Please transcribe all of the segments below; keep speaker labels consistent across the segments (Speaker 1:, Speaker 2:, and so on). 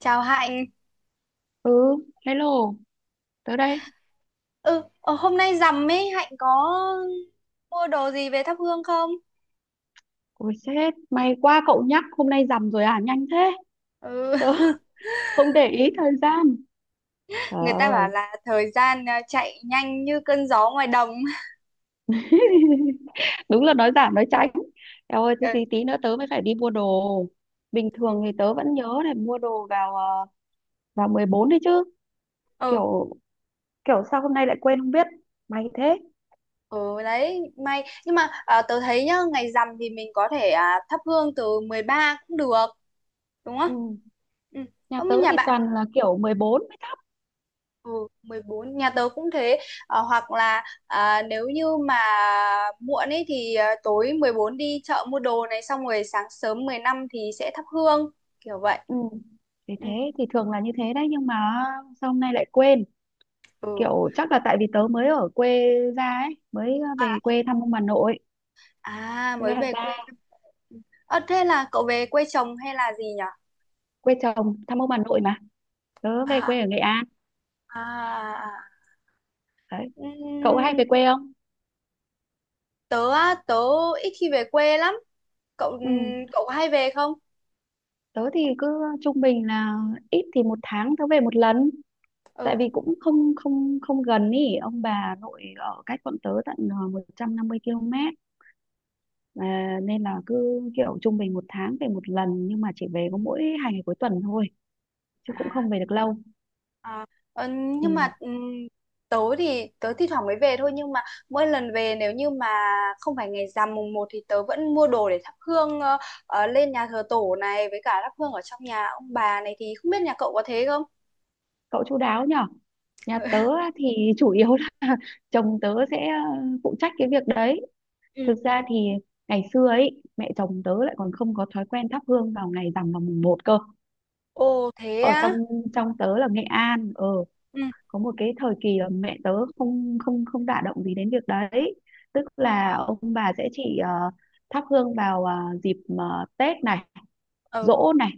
Speaker 1: Chào Hạnh.
Speaker 2: Ừ, hello, tớ đây.
Speaker 1: Ừ, ờ, hôm nay rằm ấy, Hạnh có mua đồ gì về thắp hương không?
Speaker 2: Ôi sếp, may quá cậu nhắc, hôm nay rằm rồi à, nhanh thế.
Speaker 1: Ừ,
Speaker 2: Tớ không để ý thời gian. Trời
Speaker 1: người ta bảo
Speaker 2: ơi,
Speaker 1: là thời gian chạy nhanh như cơn gió ngoài đồng.
Speaker 2: đúng là nói giảm nói tránh. Eo ơi, thế
Speaker 1: Ừ,
Speaker 2: tí tí nữa tớ mới phải đi mua đồ. Bình
Speaker 1: ừ,
Speaker 2: thường thì tớ vẫn nhớ để mua đồ vào 14 đấy chứ.
Speaker 1: ừ
Speaker 2: Kiểu kiểu sao hôm nay lại quên không biết. May thế.
Speaker 1: ừ, đấy, may. Nhưng mà tớ thấy nhá, ngày rằm thì mình có thể thắp hương từ 13 cũng được, đúng không?
Speaker 2: Ừ,
Speaker 1: Ừ,
Speaker 2: nhà
Speaker 1: không
Speaker 2: tớ
Speaker 1: nhà
Speaker 2: thì
Speaker 1: bạn.
Speaker 2: toàn là kiểu 14 mới thấp.
Speaker 1: Ừ, 14 nhà tớ cũng thế. Ờ, hoặc là nếu như mà muộn ấy thì tối 14 đi chợ mua đồ này xong rồi sáng sớm 15 thì sẽ thắp hương kiểu vậy.
Speaker 2: Ừ. Thì thế,
Speaker 1: Ừ.
Speaker 2: thì thường là như thế đấy, nhưng mà sao hôm nay lại quên.
Speaker 1: Ừ.
Speaker 2: Kiểu chắc là tại vì tớ mới ở quê ra ấy, mới
Speaker 1: À,
Speaker 2: về quê thăm ông bà nội.
Speaker 1: à
Speaker 2: Thế
Speaker 1: mới
Speaker 2: là
Speaker 1: về quê.
Speaker 2: ra
Speaker 1: Ờ, thế là cậu về quê chồng hay là gì nhở?
Speaker 2: quê chồng thăm ông bà nội mà, tớ về
Speaker 1: À,
Speaker 2: quê ở Nghệ An
Speaker 1: à, à.
Speaker 2: đấy. Cậu hay
Speaker 1: Ừm,
Speaker 2: về quê không?
Speaker 1: tớ á, tớ ít khi về quê lắm. Cậu
Speaker 2: Ừ,
Speaker 1: cậu có hay về không?
Speaker 2: tớ thì cứ trung bình là ít thì một tháng tớ về một lần, tại
Speaker 1: Ừ.
Speaker 2: vì cũng không không không gần ý, ông bà nội ở cách bọn tớ tận 150 km, à, nên là cứ kiểu trung bình một tháng về một lần, nhưng mà chỉ về có mỗi hai ngày cuối tuần thôi, chứ cũng
Speaker 1: À.
Speaker 2: không về được lâu.
Speaker 1: À, ờ,
Speaker 2: Ừ.
Speaker 1: nhưng mà tớ thì tớ thi thoảng mới về thôi, nhưng mà mỗi lần về nếu như mà không phải ngày rằm mùng một thì tớ vẫn mua đồ để thắp hương lên nhà thờ tổ này với cả thắp hương ở trong nhà ông bà này, thì không biết nhà cậu có thế không?
Speaker 2: Cậu chu đáo nhở.
Speaker 1: Ừ.
Speaker 2: Nhà tớ á thì chủ yếu là chồng tớ sẽ phụ trách cái việc đấy.
Speaker 1: Ừ
Speaker 2: Thực ra
Speaker 1: ừ.
Speaker 2: thì ngày xưa ấy mẹ chồng tớ lại còn không có thói quen thắp hương vào ngày rằm, vào mùng một cơ.
Speaker 1: Ồ thế
Speaker 2: Ở trong
Speaker 1: á.
Speaker 2: trong tớ là Nghệ An,
Speaker 1: Ừ.
Speaker 2: có một cái thời kỳ là mẹ tớ không không không đả động gì đến việc đấy, tức
Speaker 1: Ờ,
Speaker 2: là ông bà sẽ chỉ thắp hương vào dịp Tết này,
Speaker 1: ừ
Speaker 2: giỗ này,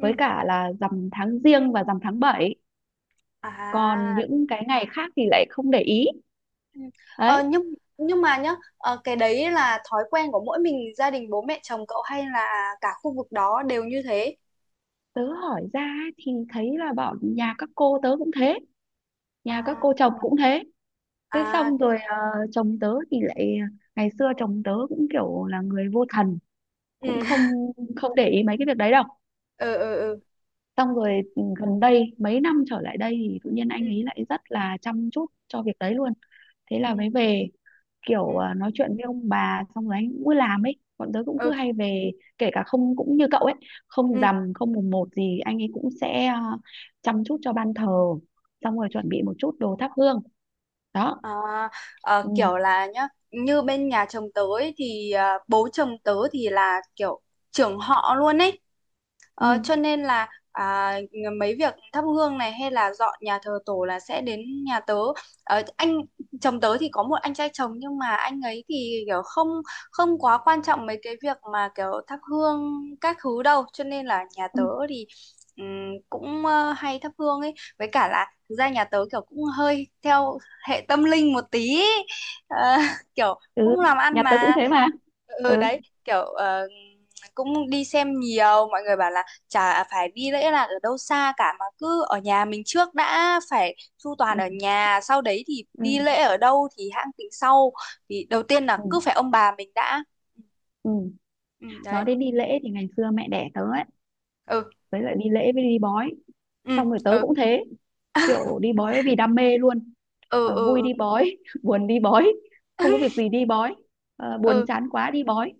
Speaker 2: với cả là rằm tháng giêng và rằm tháng bảy, còn
Speaker 1: à,
Speaker 2: những cái ngày khác thì lại không để ý.
Speaker 1: ừ. Ờ,
Speaker 2: Đấy,
Speaker 1: nhưng mà nhá cái đấy là thói quen của mỗi mình gia đình bố mẹ chồng cậu hay là cả khu vực đó đều như thế?
Speaker 2: tớ hỏi ra ấy, thì thấy là bọn nhà các cô tớ cũng thế, nhà các cô
Speaker 1: À
Speaker 2: chồng cũng thế. Thế
Speaker 1: à
Speaker 2: xong
Speaker 1: thế.
Speaker 2: rồi chồng tớ thì lại, ngày xưa chồng tớ cũng kiểu là người vô thần,
Speaker 1: Ừ.
Speaker 2: cũng không không để ý mấy cái việc đấy đâu.
Speaker 1: Ừ ừ
Speaker 2: Xong rồi gần đây mấy năm trở lại đây thì tự nhiên anh
Speaker 1: ừ
Speaker 2: ấy lại rất là chăm chút cho việc đấy luôn. Thế là
Speaker 1: ừ
Speaker 2: mới về
Speaker 1: ừ
Speaker 2: kiểu
Speaker 1: ừ
Speaker 2: nói chuyện với ông bà, xong rồi anh cũng cứ làm ấy, bọn tớ cũng cứ
Speaker 1: ừ
Speaker 2: hay về. Kể cả không cũng như cậu ấy, không
Speaker 1: ừ.
Speaker 2: rằm không mùng một gì anh ấy cũng sẽ chăm chút cho ban thờ, xong rồi chuẩn bị một chút đồ thắp hương. Đó.
Speaker 1: À,
Speaker 2: Ừ,
Speaker 1: kiểu là nhá như bên nhà chồng tớ ấy, thì bố chồng tớ thì là kiểu trưởng họ luôn ấy. Ờ, cho
Speaker 2: ừ,
Speaker 1: nên là mấy việc thắp hương này hay là dọn nhà thờ tổ là sẽ đến nhà tớ. Ờ, anh chồng tớ thì có một anh trai chồng, nhưng mà anh ấy thì kiểu không không quá quan trọng mấy cái việc mà kiểu thắp hương các thứ đâu, cho nên là nhà
Speaker 2: ừ,
Speaker 1: tớ thì ừm, cũng hay thắp hương ấy, với cả là thực ra nhà tớ kiểu cũng hơi theo hệ tâm linh một tí ý. Ờ, kiểu
Speaker 2: ừ.
Speaker 1: cũng làm ăn
Speaker 2: Nhà tớ cũng
Speaker 1: mà.
Speaker 2: thế mà. Ừ,
Speaker 1: Ừ đấy kiểu cũng đi xem nhiều, mọi người bảo là chả phải đi lễ là ở đâu xa cả mà cứ ở nhà mình trước đã, phải chu toàn
Speaker 2: ừ,
Speaker 1: ở nhà sau đấy thì
Speaker 2: ừ,
Speaker 1: đi lễ ở đâu thì hãng tính sau, thì đầu tiên là cứ
Speaker 2: ừ,
Speaker 1: phải ông bà mình đã.
Speaker 2: ừ.
Speaker 1: Ừ,
Speaker 2: Nói
Speaker 1: đấy.
Speaker 2: đến đi lễ thì ngày xưa mẹ đẻ tớ ấy,
Speaker 1: Ừ
Speaker 2: với lại đi lễ với đi bói,
Speaker 1: ừ
Speaker 2: xong rồi tớ
Speaker 1: ừ
Speaker 2: cũng thế, kiểu đi bói vì đam mê luôn.
Speaker 1: ừ ừ
Speaker 2: Vui
Speaker 1: ừ
Speaker 2: đi bói, buồn đi bói, không có việc gì đi bói, buồn
Speaker 1: ừ
Speaker 2: chán quá đi bói,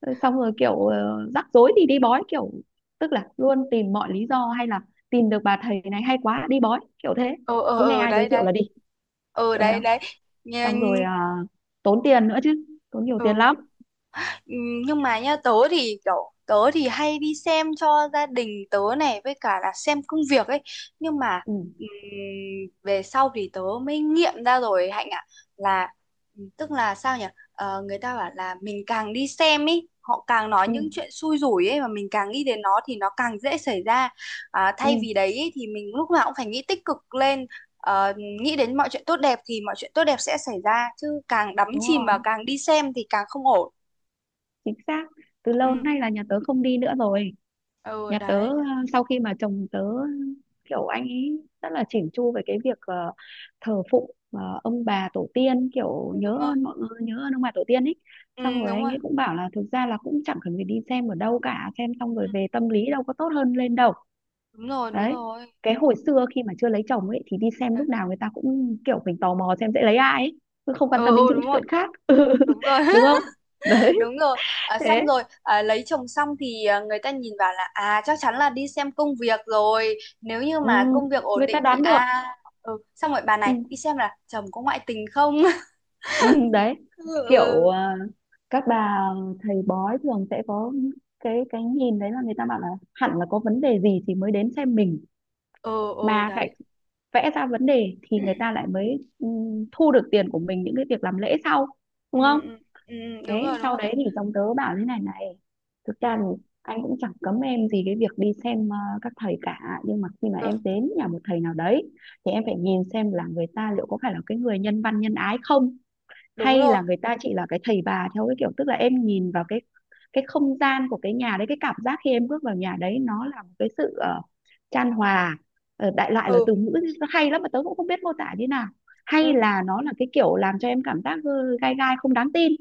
Speaker 2: Xong rồi kiểu rắc rối thì đi bói, kiểu tức là luôn tìm mọi lý do, hay là tìm được bà thầy này hay quá đi bói kiểu thế,
Speaker 1: ừ ừ
Speaker 2: cứ nghe
Speaker 1: ừ,
Speaker 2: ai giới
Speaker 1: đấy
Speaker 2: thiệu
Speaker 1: đấy.
Speaker 2: là đi,
Speaker 1: Ừ
Speaker 2: kiểu thế
Speaker 1: đấy
Speaker 2: không.
Speaker 1: đấy.
Speaker 2: Xong rồi
Speaker 1: Nhìn-
Speaker 2: tốn tiền nữa chứ, tốn nhiều tiền
Speaker 1: ừ.
Speaker 2: lắm.
Speaker 1: Ừ, nhưng mà nha tớ thì kiểu tớ thì hay đi xem cho gia đình tớ này với cả là xem công việc ấy, nhưng mà
Speaker 2: Ừ,
Speaker 1: ừm, về sau thì tớ mới nghiệm ra rồi Hạnh ạ, là tức là sao nhỉ. Ờ, người ta bảo là mình càng đi xem ấy họ càng nói
Speaker 2: ừ,
Speaker 1: những chuyện xui rủi ấy, mà mình càng nghĩ đến nó thì nó càng dễ xảy ra, thay
Speaker 2: ừ,
Speaker 1: vì đấy ấy, thì mình lúc nào cũng phải nghĩ tích cực lên, ờ, nghĩ đến mọi chuyện tốt đẹp thì mọi chuyện tốt đẹp sẽ xảy ra, chứ càng đắm
Speaker 2: đúng
Speaker 1: chìm và
Speaker 2: rồi.
Speaker 1: càng đi xem thì càng không ổn.
Speaker 2: Chính xác. Từ lâu
Speaker 1: Ừ.
Speaker 2: nay là nhà tớ không đi nữa rồi.
Speaker 1: Ừ
Speaker 2: Nhà tớ
Speaker 1: đấy
Speaker 2: sau khi mà chồng tớ kiểu anh ấy rất là chỉn chu về cái việc thờ phụng ông bà tổ tiên, kiểu
Speaker 1: đấy,
Speaker 2: nhớ
Speaker 1: đúng rồi.
Speaker 2: ơn mọi người, nhớ ơn ông bà tổ tiên ấy, xong
Speaker 1: Ừ
Speaker 2: rồi
Speaker 1: đúng
Speaker 2: anh
Speaker 1: rồi.
Speaker 2: ấy cũng bảo là thực ra là cũng chẳng cần phải đi xem ở đâu cả, xem xong
Speaker 1: Ừ,
Speaker 2: rồi về tâm lý đâu có tốt hơn lên đâu.
Speaker 1: đúng rồi đúng
Speaker 2: Đấy,
Speaker 1: rồi.
Speaker 2: cái hồi xưa khi mà chưa lấy chồng ấy thì đi xem
Speaker 1: Ừ
Speaker 2: lúc nào người ta cũng kiểu mình tò mò xem sẽ lấy ai ấy, chứ không quan
Speaker 1: ừ
Speaker 2: tâm đến
Speaker 1: ừ,
Speaker 2: những
Speaker 1: đúng rồi
Speaker 2: chuyện khác.
Speaker 1: đúng rồi.
Speaker 2: đúng không? Đấy.
Speaker 1: Đúng rồi. À,
Speaker 2: Thế
Speaker 1: xong rồi lấy chồng xong thì người ta nhìn vào là à chắc chắn là đi xem công việc rồi, nếu như
Speaker 2: ừ,
Speaker 1: mà công việc ổn
Speaker 2: người ta
Speaker 1: định thì
Speaker 2: đoán được.
Speaker 1: à. Ừ xong rồi bà này
Speaker 2: Ừ.
Speaker 1: đi xem là chồng có ngoại tình không.
Speaker 2: Ừ, đấy,
Speaker 1: Ừ
Speaker 2: kiểu
Speaker 1: ừ
Speaker 2: các bà thầy bói thường sẽ có cái nhìn đấy, là người ta bảo là hẳn là có vấn đề gì thì mới đến xem mình,
Speaker 1: ừ ừ,
Speaker 2: mà
Speaker 1: đấy.
Speaker 2: lại vẽ ra vấn đề thì
Speaker 1: Ừ,
Speaker 2: người ta lại mới thu được tiền của mình những cái việc làm lễ sau.
Speaker 1: ừ,
Speaker 2: Đúng không?
Speaker 1: ừ, ừ, đúng
Speaker 2: Thế
Speaker 1: rồi đúng
Speaker 2: sau
Speaker 1: rồi.
Speaker 2: đấy thì chồng tớ bảo thế này này, thực
Speaker 1: Ừ,
Speaker 2: ra thì anh cũng chẳng cấm em gì cái việc đi xem các thầy cả, nhưng mà khi mà
Speaker 1: ừ
Speaker 2: em đến nhà một thầy nào đấy thì em phải nhìn xem là người ta liệu có phải là cái người nhân văn nhân ái không,
Speaker 1: đúng
Speaker 2: hay
Speaker 1: rồi.
Speaker 2: là người ta chỉ là cái thầy bà theo cái kiểu, tức là em nhìn vào cái không gian của cái nhà đấy, cái cảm giác khi em bước vào nhà đấy nó là một cái sự chan hòa. Đại loại là
Speaker 1: Ừ
Speaker 2: từ ngữ nó hay lắm mà tớ cũng không biết mô tả như nào,
Speaker 1: ừ
Speaker 2: hay là nó là cái kiểu làm cho em cảm giác gai gai, không đáng tin.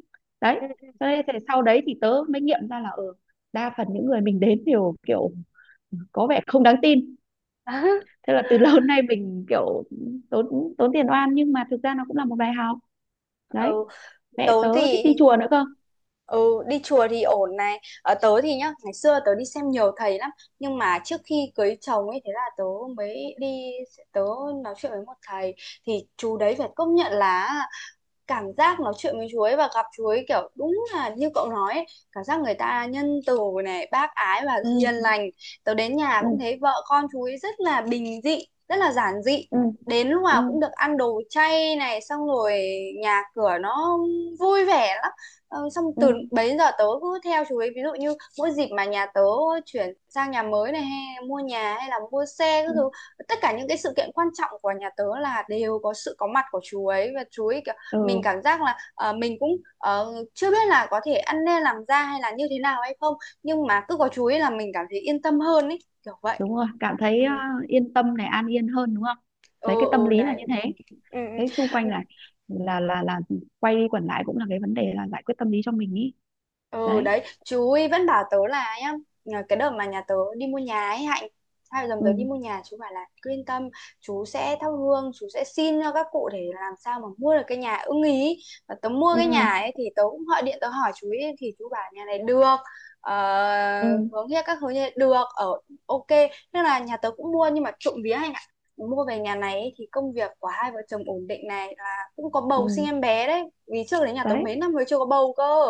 Speaker 2: Đấy.
Speaker 1: ừ.
Speaker 2: Cho nên thì sau đấy thì tớ mới nghiệm ra là ở đa phần những người mình đến đều kiểu có vẻ không đáng tin. Thế là từ lâu đến nay mình kiểu tốn tốn tiền oan, nhưng mà thực ra nó cũng là một bài học. Đấy.
Speaker 1: Ừ tớ
Speaker 2: Mẹ tớ thích
Speaker 1: thì
Speaker 2: đi chùa nữa cơ.
Speaker 1: ừ, đi chùa thì ổn này, ở tớ thì nhá ngày xưa tớ đi xem nhiều thầy lắm, nhưng mà trước khi cưới chồng ấy, thế là tớ mới đi, tớ nói chuyện với một thầy thì chú đấy phải công nhận là cảm giác nói chuyện với chú ấy và gặp chú ấy kiểu đúng là như cậu nói ấy, cảm giác người ta nhân từ này bác ái và
Speaker 2: Ừ,
Speaker 1: hiền lành. Tớ đến nhà
Speaker 2: ừ,
Speaker 1: cũng thấy vợ con chú ấy rất là bình dị, rất là giản dị,
Speaker 2: ừ,
Speaker 1: đến lúc
Speaker 2: ừ,
Speaker 1: nào cũng được ăn đồ chay này xong rồi nhà cửa nó vui vẻ lắm. Ờ, xong
Speaker 2: ừ,
Speaker 1: từ bấy giờ tớ cứ theo chú ấy, ví dụ như mỗi dịp mà nhà tớ chuyển sang nhà mới này hay mua nhà hay là mua xe các
Speaker 2: ừ,
Speaker 1: thứ, tất cả những cái sự kiện quan trọng của nhà tớ là đều có sự có mặt của chú ấy, và chú ấy kiểu mình
Speaker 2: ừ.
Speaker 1: cảm giác là, ờ, mình cũng, ờ, chưa biết là có thể ăn nên làm ra hay là như thế nào hay không, nhưng mà cứ có chú ấy là mình cảm thấy yên tâm hơn ấy, kiểu vậy.
Speaker 2: Đúng rồi, cảm thấy
Speaker 1: Ừm,
Speaker 2: yên tâm này, an yên hơn, đúng không?
Speaker 1: ừ,
Speaker 2: Đấy, cái tâm
Speaker 1: ừ,
Speaker 2: lý là như
Speaker 1: đấy.
Speaker 2: thế.
Speaker 1: Ừm,
Speaker 2: Thế xung quanh
Speaker 1: ừm.
Speaker 2: là là quay đi quẩn lại cũng là cái vấn đề là giải quyết tâm lý cho mình ý.
Speaker 1: Ừ
Speaker 2: Đấy.
Speaker 1: đấy chú ấy vẫn bảo tớ là nhá, nhờ cái đợt mà nhà tớ đi mua nhà ấy Hạnh, hai vợ chồng tớ
Speaker 2: Ừ,
Speaker 1: đi mua nhà chú bảo là cứ yên tâm, chú sẽ thắp hương chú sẽ xin cho các cụ để làm sao mà mua được cái nhà ưng ý. Và tớ mua cái nhà
Speaker 2: ừ,
Speaker 1: ấy thì tớ cũng gọi điện tớ hỏi chú ấy, thì chú bảo nhà này được, ờ,
Speaker 2: ừ,
Speaker 1: hướng kia các hướng kia được ở, ok. Nên là nhà tớ cũng mua, nhưng mà trộm vía Hạnh ạ, mua về nhà này ấy, thì công việc của hai vợ chồng ổn định này, là cũng có bầu sinh
Speaker 2: ừ.
Speaker 1: em bé đấy, vì trước đấy nhà tớ
Speaker 2: Đấy.
Speaker 1: mấy năm mới chưa có bầu cơ.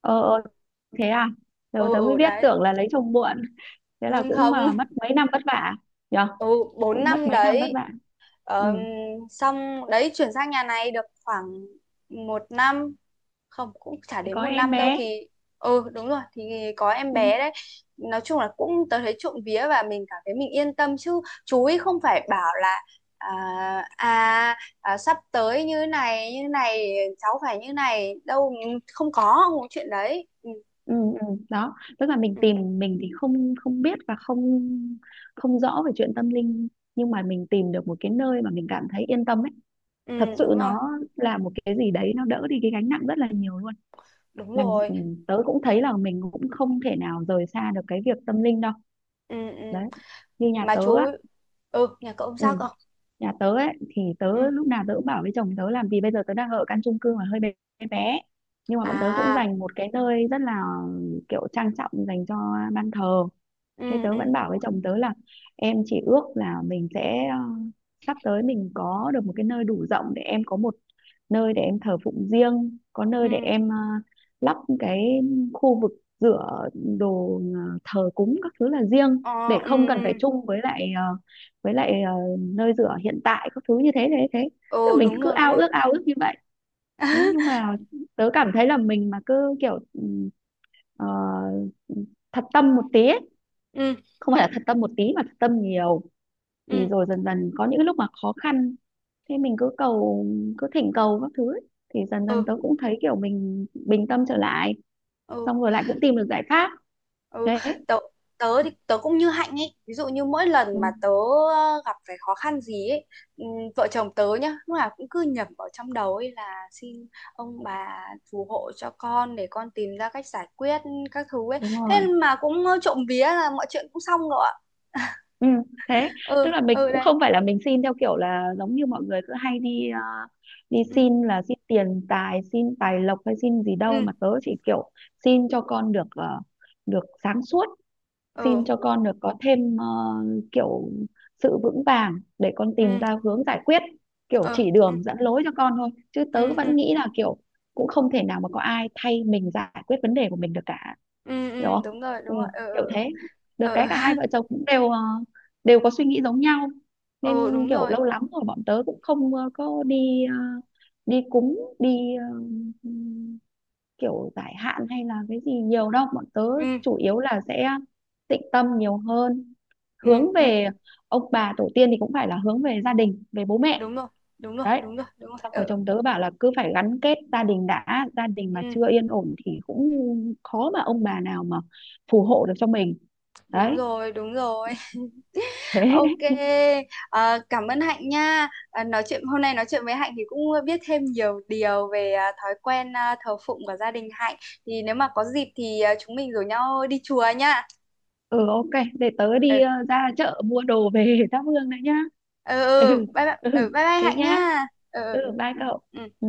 Speaker 2: ờ ờ, Thế à?
Speaker 1: Ừ
Speaker 2: Tớ tớ mới
Speaker 1: ừ
Speaker 2: biết,
Speaker 1: đấy.
Speaker 2: tưởng là lấy chồng muộn. Thế là
Speaker 1: Nhưng
Speaker 2: cũng mà
Speaker 1: không
Speaker 2: mất mấy năm vất vả nhở.
Speaker 1: ừ bốn
Speaker 2: Cũng mất
Speaker 1: năm
Speaker 2: mấy năm vất
Speaker 1: đấy.
Speaker 2: vả. Ừ,
Speaker 1: Ờm, xong đấy chuyển sang nhà này được khoảng một năm, không cũng chả
Speaker 2: thì
Speaker 1: đến
Speaker 2: có
Speaker 1: một
Speaker 2: em
Speaker 1: năm đâu
Speaker 2: bé.
Speaker 1: thì ừ đúng rồi thì có em
Speaker 2: Ừ.
Speaker 1: bé đấy. Nói chung là cũng tớ thấy trộm vía và mình cảm thấy mình yên tâm, chứ chú ý không phải bảo là à, à sắp tới như này cháu phải như này đâu, không có chuyện đấy. Ừ,
Speaker 2: Ừ, ừ, đó tức là mình
Speaker 1: ừ,
Speaker 2: tìm, mình thì không không biết và không không rõ về chuyện tâm linh, nhưng mà mình tìm được một cái nơi mà mình cảm thấy yên tâm ấy. Thật
Speaker 1: ừ
Speaker 2: sự
Speaker 1: đúng rồi
Speaker 2: nó là một cái gì đấy, nó đỡ đi cái gánh nặng rất là nhiều luôn.
Speaker 1: đúng
Speaker 2: Làm
Speaker 1: rồi.
Speaker 2: tớ cũng thấy là mình cũng không thể nào rời xa được cái việc tâm linh đâu.
Speaker 1: Ừ, ừ.
Speaker 2: Đấy, như nhà
Speaker 1: Mà
Speaker 2: tớ
Speaker 1: chú
Speaker 2: á.
Speaker 1: ừ nhà cậu
Speaker 2: Ừ,
Speaker 1: sao cậu.
Speaker 2: nhà tớ ấy thì
Speaker 1: Ừ
Speaker 2: tớ lúc nào tớ cũng bảo với chồng tớ làm, vì bây giờ tớ đang ở căn chung cư mà hơi bé bé, nhưng mà bọn tớ cũng
Speaker 1: à
Speaker 2: dành một cái nơi rất là kiểu trang trọng dành cho ban thờ. Thế
Speaker 1: ừ
Speaker 2: tớ
Speaker 1: ừ
Speaker 2: vẫn bảo với chồng tớ là em chỉ ước là mình sẽ sắp tới mình có được một cái nơi đủ rộng để em có một nơi để em thờ phụng riêng, có nơi để
Speaker 1: ừ
Speaker 2: em lắp cái khu vực rửa đồ thờ cúng các thứ là riêng, để
Speaker 1: ờ ừ
Speaker 2: không cần
Speaker 1: ừ
Speaker 2: phải chung với lại với lại nơi rửa hiện tại các thứ, như thế thế thế. Tức là
Speaker 1: ừ
Speaker 2: mình cứ
Speaker 1: đúng rồi
Speaker 2: ao ước như vậy. Thế nhưng mà tớ cảm thấy là mình mà cứ kiểu ờ, thật tâm một tí ấy,
Speaker 1: ừ
Speaker 2: không phải là thật tâm một tí mà thật tâm nhiều, thì
Speaker 1: ừ
Speaker 2: rồi dần dần có những lúc mà khó khăn, thế mình cứ thỉnh cầu các thứ ấy, thì dần dần
Speaker 1: ừ
Speaker 2: tớ cũng thấy kiểu mình bình tâm trở lại,
Speaker 1: ừ
Speaker 2: xong rồi lại cũng tìm được giải pháp.
Speaker 1: ừ.
Speaker 2: Thế.
Speaker 1: Tớ tớ thì tớ cũng như Hạnh ấy, ví dụ như mỗi lần
Speaker 2: Ừ,
Speaker 1: mà tớ gặp phải khó khăn gì ấy, ừ, vợ chồng tớ nhá lúc nào cũng cứ nhẩm vào trong đầu ấy là xin ông bà phù hộ cho con để con tìm ra cách giải quyết các thứ ấy,
Speaker 2: đúng
Speaker 1: thế
Speaker 2: rồi.
Speaker 1: mà cũng trộm vía là mọi chuyện cũng xong rồi ạ.
Speaker 2: Ừ, thế tức
Speaker 1: Ừ
Speaker 2: là mình
Speaker 1: ừ
Speaker 2: cũng
Speaker 1: đây.
Speaker 2: không phải là mình xin theo kiểu là giống như mọi người cứ hay đi
Speaker 1: Ừ
Speaker 2: xin, là xin tiền tài, xin tài lộc hay xin gì đâu,
Speaker 1: ừ
Speaker 2: mà tớ chỉ kiểu xin cho con được được sáng suốt, xin
Speaker 1: ừ
Speaker 2: cho con được có thêm kiểu sự vững vàng để con tìm
Speaker 1: ừ
Speaker 2: ra hướng giải quyết, kiểu
Speaker 1: ờ
Speaker 2: chỉ
Speaker 1: ừ
Speaker 2: đường dẫn lối cho con thôi, chứ tớ
Speaker 1: ừ ừ
Speaker 2: vẫn nghĩ là kiểu cũng không thể nào mà có ai thay mình giải quyết vấn đề của mình được cả.
Speaker 1: ừ
Speaker 2: Hiểu
Speaker 1: ừ,
Speaker 2: không?
Speaker 1: đúng
Speaker 2: Ừ,
Speaker 1: rồi ờ
Speaker 2: kiểu thế. Được
Speaker 1: ờ
Speaker 2: cái
Speaker 1: ờ
Speaker 2: cả hai vợ chồng cũng đều đều có suy nghĩ giống nhau, nên
Speaker 1: ờ ờ, đúng
Speaker 2: kiểu
Speaker 1: rồi
Speaker 2: lâu lắm rồi bọn tớ cũng không ờ, có đi ờ, đi ờ, kiểu giải hạn hay là cái gì nhiều đâu, bọn tớ
Speaker 1: ừ
Speaker 2: chủ yếu là sẽ tịnh tâm nhiều hơn,
Speaker 1: ừ
Speaker 2: hướng
Speaker 1: ừ
Speaker 2: về ông bà tổ tiên, thì cũng phải là hướng về gia đình, về bố mẹ.
Speaker 1: đúng rồi đúng rồi
Speaker 2: Đấy,
Speaker 1: đúng rồi đúng rồi
Speaker 2: xong rồi
Speaker 1: ờ ờ,
Speaker 2: chồng tớ bảo là cứ phải gắn kết gia đình đã, gia đình mà
Speaker 1: ừ
Speaker 2: chưa yên ổn thì cũng khó mà ông bà nào mà phù hộ được cho mình.
Speaker 1: đúng
Speaker 2: Đấy.
Speaker 1: rồi đúng rồi.
Speaker 2: Thế.
Speaker 1: Ok. Ờ, cảm ơn Hạnh nha. Ờ, nói chuyện hôm nay, nói chuyện với Hạnh thì cũng biết thêm nhiều điều về thói quen thờ phụng của gia đình Hạnh, thì nếu mà có dịp thì chúng mình rủ nhau đi chùa nha.
Speaker 2: Ừ, ok, để tớ
Speaker 1: Ờ
Speaker 2: đi ra chợ mua đồ về thắp hương đấy nhá.
Speaker 1: ờ
Speaker 2: Ừ,
Speaker 1: ờ, bye bye
Speaker 2: ừ,
Speaker 1: bye bye
Speaker 2: thế
Speaker 1: Hạnh
Speaker 2: nhá.
Speaker 1: nha. Ờ ờ,
Speaker 2: Ừ, bye cậu.
Speaker 1: ờ. Ừ.
Speaker 2: Ừ.